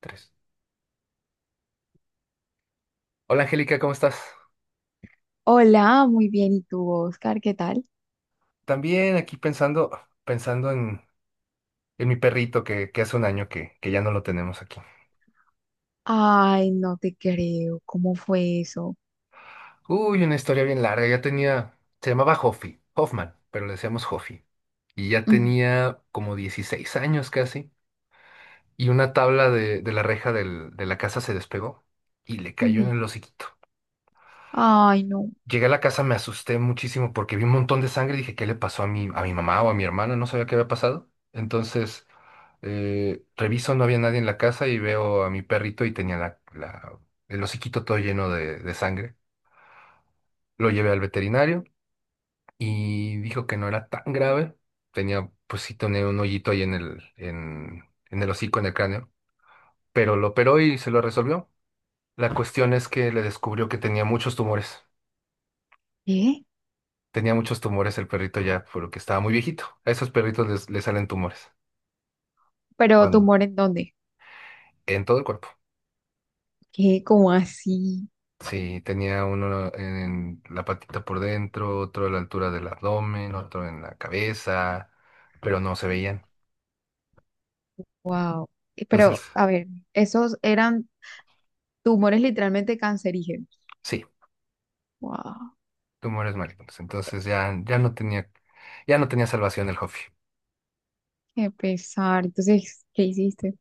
Tres. Hola Angélica, ¿cómo estás? Hola, muy bien. ¿Y tú, Oscar? ¿Qué tal? También aquí pensando, pensando en, en mi perrito que hace un año que ya no lo tenemos aquí. Ay, no te creo. ¿Cómo fue eso? Uy, una historia bien larga. Ya tenía, se llamaba Hoffy, Hoffman, pero le decíamos Hoffy. Y ya Ujú, tenía como 16 años casi. Y una tabla de la reja de la casa se despegó y le cayó en ujú. el hociquito. Ay, no. Llegué a la casa, me asusté muchísimo porque vi un montón de sangre y dije, ¿qué le pasó a a mi mamá o a mi hermana? No sabía qué había pasado. Entonces, reviso, no había nadie en la casa y veo a mi perrito y tenía el hociquito todo lleno de sangre. Lo llevé al veterinario y dijo que no era tan grave. Tenía, pues sí, tenía un hoyito ahí en en el hocico, en el cráneo, pero lo operó y se lo resolvió. La cuestión es que le descubrió que tenía muchos tumores. ¿Qué? Tenía muchos tumores el perrito ya, porque estaba muy viejito. A esos perritos les salen tumores. ¿Pero ¿Cuándo? tumor en dónde? En todo el cuerpo. ¿Qué? ¿Cómo así? Sí, tenía uno en la patita por dentro, otro a la altura del abdomen, otro en la cabeza, pero no se veían. Wow. Entonces, Pero, a ver, esos eran tumores literalmente cancerígenos. sí, Wow. tumores malignos. Entonces ya no tenía salvación el Jofi. Qué pesar. Entonces, ¿qué hiciste?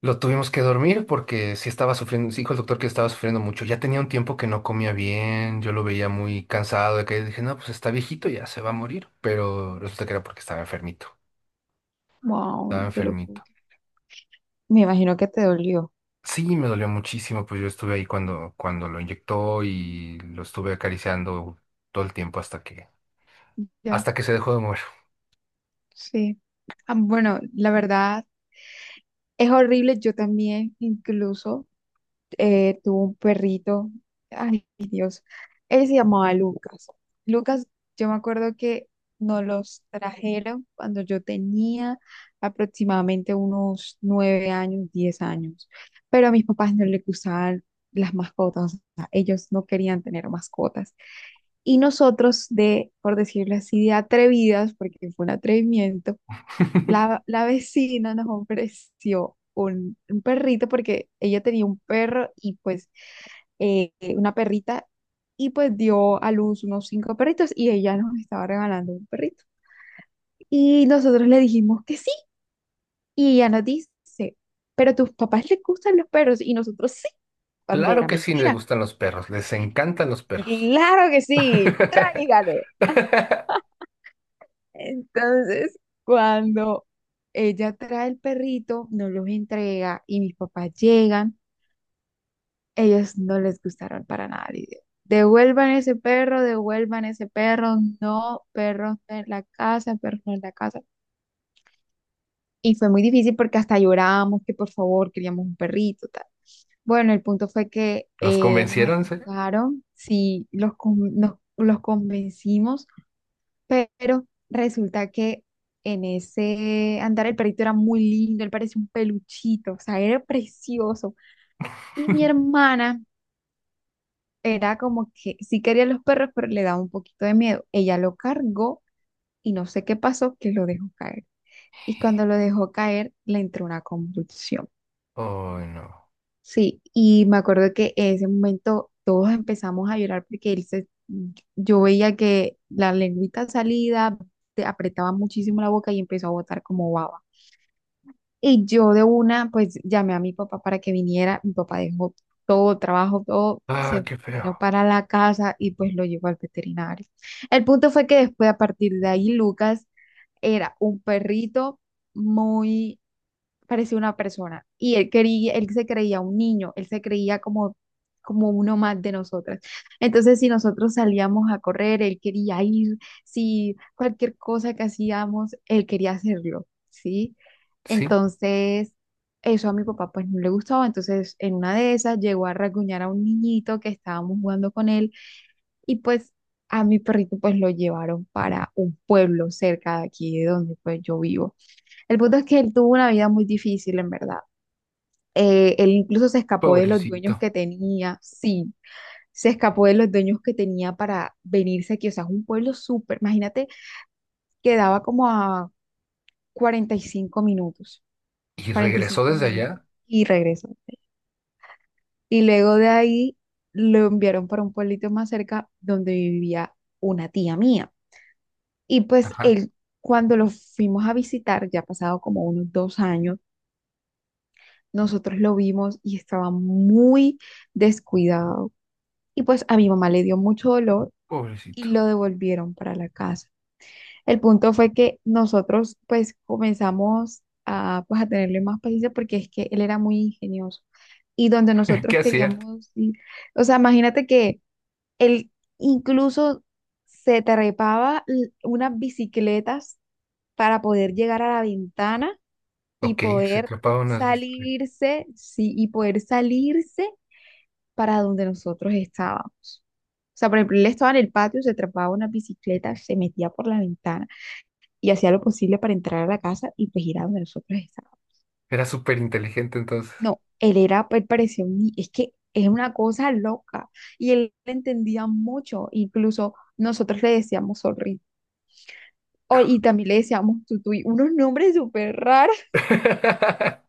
Lo tuvimos que dormir porque sí estaba sufriendo, sí dijo el doctor que estaba sufriendo mucho. Ya tenía un tiempo que no comía bien, yo lo veía muy cansado de que dije, no, pues está viejito, ya se va a morir. Pero resulta que era porque estaba enfermito, Wow, estaba no te lo puedo enfermito. creer. Me imagino que te dolió. Sí, me dolió muchísimo, pues yo estuve ahí cuando lo inyectó y lo estuve acariciando todo el tiempo Ya, hasta que se dejó de mover. sí. Ah, bueno, la verdad es horrible. Yo también, incluso. Tuvo un perrito, ay Dios, él se llamaba Lucas. Lucas, yo me acuerdo que nos los trajeron cuando yo tenía aproximadamente unos 9 años, 10 años, pero a mis papás no les gustaban las mascotas, o sea, ellos no querían tener mascotas. Y nosotros por decirlo así, de atrevidas, porque fue un atrevimiento, la vecina nos ofreció un perrito porque ella tenía un perro y pues eh, una perrita y pues dio a luz unos cinco perritos y ella nos estaba regalando un perrito. Y nosotros le dijimos que sí y ella nos dice, pero a tus papás les gustan los perros y nosotros sí, Claro bandera, que sí, le mentira. gustan los perros, les encantan los perros. Claro que sí, tráigalo. Entonces, cuando ella trae el perrito, nos los entrega y mis papás llegan. Ellos no les gustaron para nada la idea. Devuelvan ese perro, no, perros en la casa, perros en la casa. Y fue muy difícil porque hasta llorábamos que por favor queríamos un perrito, tal. Bueno, el punto fue que ¿Los nos convencieron, en serio? aceptaron, sí, los convencimos, pero resulta que en ese andar el perrito era muy lindo, él parecía un peluchito, o sea, era precioso. Y mi hermana era como que sí quería los perros, pero le daba un poquito de miedo. Ella lo cargó y no sé qué pasó, que lo dejó caer. Y cuando lo dejó caer, le entró una convulsión. Oh, no. Sí, y me acuerdo que en ese momento todos empezamos a llorar porque yo veía que la lengüita salida, te apretaba muchísimo la boca y empezó a botar como baba. Y yo de una, pues llamé a mi papá para que viniera. Mi papá dejó todo, trabajo, todo, Ah, se qué vino feo. para la casa y pues lo llevó al veterinario. El punto fue que después, a partir de ahí, Lucas era un perrito muy parecía una persona y él se creía un niño, él se creía como uno más de nosotras. Entonces, si nosotros salíamos a correr, él quería ir, si cualquier cosa que hacíamos, él quería hacerlo, ¿sí? Sí, Entonces, eso a mi papá pues no le gustaba, entonces en una de esas llegó a rasguñar a un niñito que estábamos jugando con él y pues a mi perrito pues lo llevaron para un pueblo cerca de aquí de donde pues yo vivo. El punto es que él tuvo una vida muy difícil, en verdad. Él incluso se escapó de los pobrecito. dueños que tenía, sí, se escapó de los dueños que tenía para venirse aquí. O sea, es un pueblo súper, imagínate, quedaba como a 45 minutos, Y cuarenta y regresó cinco desde minutos allá. y regresó. Y luego de ahí lo enviaron para un pueblito más cerca donde vivía una tía mía. Y pues Ajá, él, cuando lo fuimos a visitar, ya ha pasado como unos 2 años. Nosotros lo vimos y estaba muy descuidado. Y pues a mi mamá le dio mucho dolor pobrecito. y lo devolvieron para la casa. El punto fue que nosotros pues comenzamos a, pues, a tenerle más paciencia porque es que él era muy ingenioso. Y donde nosotros ¿Qué hacía? queríamos, o sea, imagínate que él incluso se trepaba unas bicicletas para poder llegar a la ventana y Ok, se poder atrapaba unas bicicletas. salirse, sí, y poder salirse para donde nosotros estábamos. O sea, por ejemplo, él estaba en el patio, se atrapaba una bicicleta, se metía por la ventana y hacía lo posible para entrar a la casa y pues ir a donde nosotros estábamos. Era súper inteligente entonces. No, él era, él parecía un ni- es que es una cosa loca y él entendía mucho, incluso nosotros le decíamos sorry. Y también le decíamos tutu y unos nombres súper raros.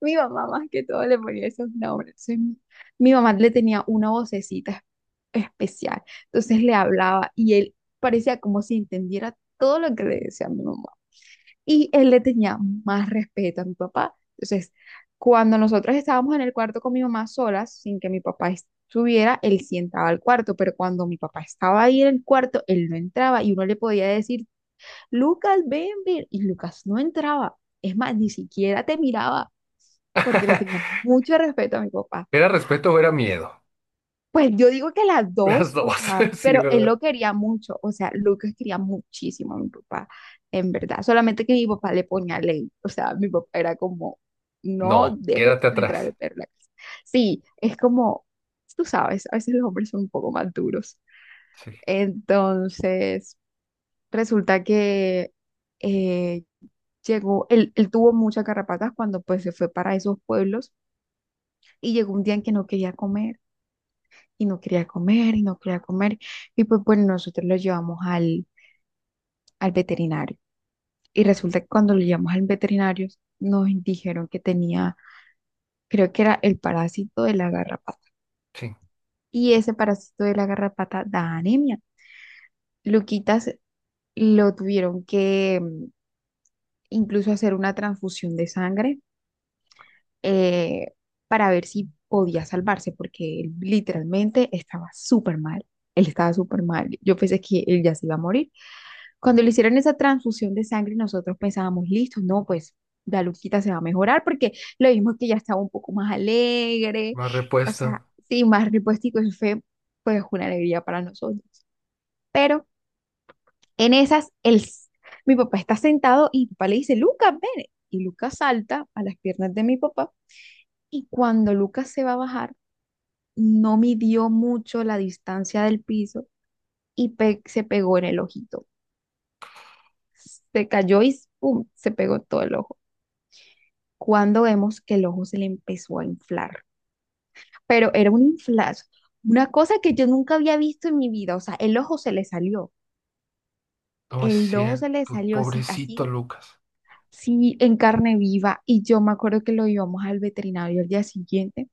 Mi mamá más que todo le ponía esos nombres. Entonces, mi mamá le tenía una vocecita especial. Entonces le hablaba y él parecía como si entendiera todo lo que le decía a mi mamá. Y él le tenía más respeto a mi papá. Entonces, cuando nosotros estábamos en el cuarto con mi mamá solas, sin que mi papá estuviera, él sí entraba al cuarto, pero cuando mi papá estaba ahí en el cuarto, él no entraba y uno le podía decir, Lucas, ven, ven, y Lucas no entraba. Es más, ni siquiera te miraba porque le tenía mucho respeto a mi papá. ¿Era respeto o era miedo? Pues yo digo que las Las dos, o dos, sea, sí, pero él ¿verdad? lo quería mucho, o sea, Lucas quería muchísimo a mi papá, en verdad, solamente que mi papá le ponía ley, o sea, mi papá era como, no No, dejen quédate entrar atrás. el perro a la casa. Sí, es como, tú sabes, a veces los hombres son un poco más duros. Sí, Entonces, resulta que eh, él tuvo muchas carrapatas cuando pues se fue para esos pueblos y llegó un día en que no quería comer y no quería comer y no quería comer. Y pues bueno, nosotros lo llevamos al veterinario. Y resulta que cuando lo llevamos al veterinario nos dijeron que tenía, creo que era el parásito de la garrapata. sí. Y ese parásito de la garrapata da anemia. Luquitas lo tuvieron que incluso hacer una transfusión de sangre eh, para ver si podía salvarse, porque él literalmente estaba súper mal. Él estaba súper mal. Yo pensé que él ya se iba a morir. Cuando le hicieron esa transfusión de sangre, nosotros pensábamos, listo, no, pues la Luquita se va a mejorar porque lo vimos que ya estaba un poco más alegre, Más o sea, repuesto. sí, más repuestico, eso fue pues una alegría para nosotros. Pero en esas, mi papá está sentado y mi papá le dice, Lucas, ven. Y Lucas salta a las piernas de mi papá y cuando Lucas se va a bajar, no midió mucho la distancia del piso y se pegó en el ojito. Se cayó y ¡pum! Se pegó en todo el ojo. Cuando vemos que el ojo se le empezó a inflar. Pero era un inflazo, una cosa que yo nunca había visto en mi vida. O sea, el ojo se le salió, No es el ojo se le cierto, salió así, pobrecito así, Lucas. sí, en carne viva. Y yo me acuerdo que lo llevamos al veterinario al día siguiente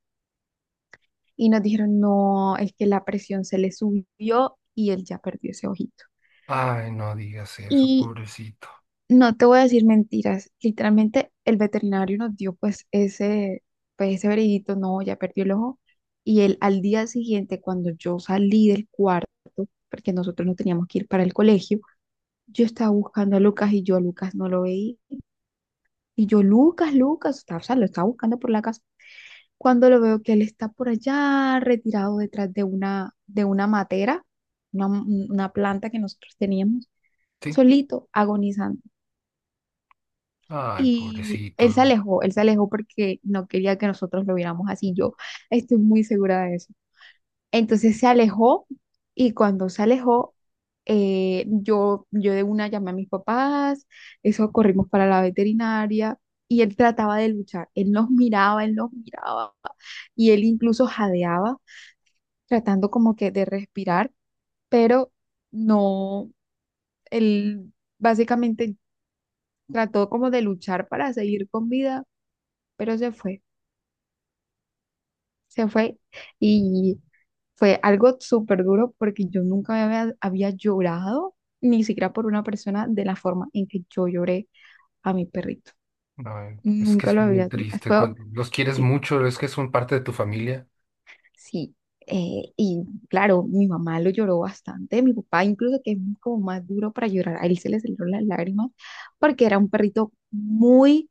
y nos dijeron, no, es que la presión se le subió y él ya perdió ese ojito. Ay, no digas eso, Y pobrecito. no te voy a decir mentiras. Literalmente el veterinario nos dio pues ese veredicto, no, ya perdió el ojo. Y él al día siguiente, cuando yo salí del cuarto, porque nosotros no teníamos que ir para el colegio, yo estaba buscando a Lucas y yo a Lucas no lo veía. Y yo, Lucas, Lucas, estaba, o sea, lo estaba buscando por la casa. Cuando lo veo que él está por allá, retirado detrás de una matera, una planta que nosotros teníamos, Sí. solito, agonizando. Ay, Y pobrecito Lucas. Él se alejó porque no quería que nosotros lo viéramos así. Yo estoy muy segura de eso. Entonces se alejó y cuando se alejó, yo de una llamé a mis papás, eso corrimos para la veterinaria y él trataba de luchar. Él nos miraba y él incluso jadeaba, tratando como que de respirar, pero no, él básicamente trató como de luchar para seguir con vida, pero se fue. Se fue y fue algo súper duro porque yo nunca había llorado, ni siquiera por una persona, de la forma en que yo lloré a mi perrito. Ay, es que Nunca es lo bien había tenido. triste. Fue, Cuando los quieres sí, mucho, es que son parte de tu familia. sí. Y claro, mi mamá lo lloró bastante, mi papá incluso que es como más duro para llorar, a él se le salieron las lágrimas porque era un perrito muy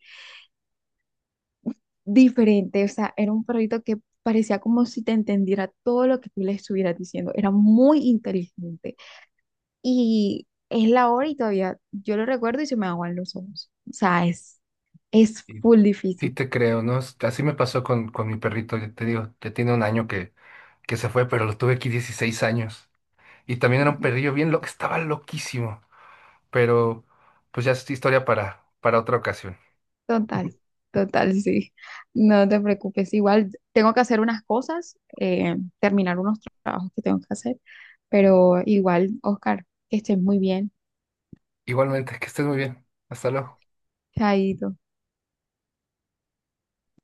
diferente, o sea, era un perrito que parecía como si te entendiera todo lo que tú le estuvieras diciendo, era muy inteligente. Y es la hora y todavía yo lo recuerdo y se me aguan los ojos. O sea, es Y full sí difícil. te creo, ¿no? Es- Así me pasó con mi perrito, ya te digo, ya tiene un año que se fue, pero lo tuve aquí 16 años. Y también era un perrillo bien loco, estaba loquísimo. Pero pues ya es historia para otra ocasión. Total, total, sí. No te preocupes. Igual tengo que hacer unas cosas, terminar unos trabajos que tengo que hacer, pero igual, Oscar, que estés muy bien. Igualmente, que estés muy bien. Hasta luego. Chaito.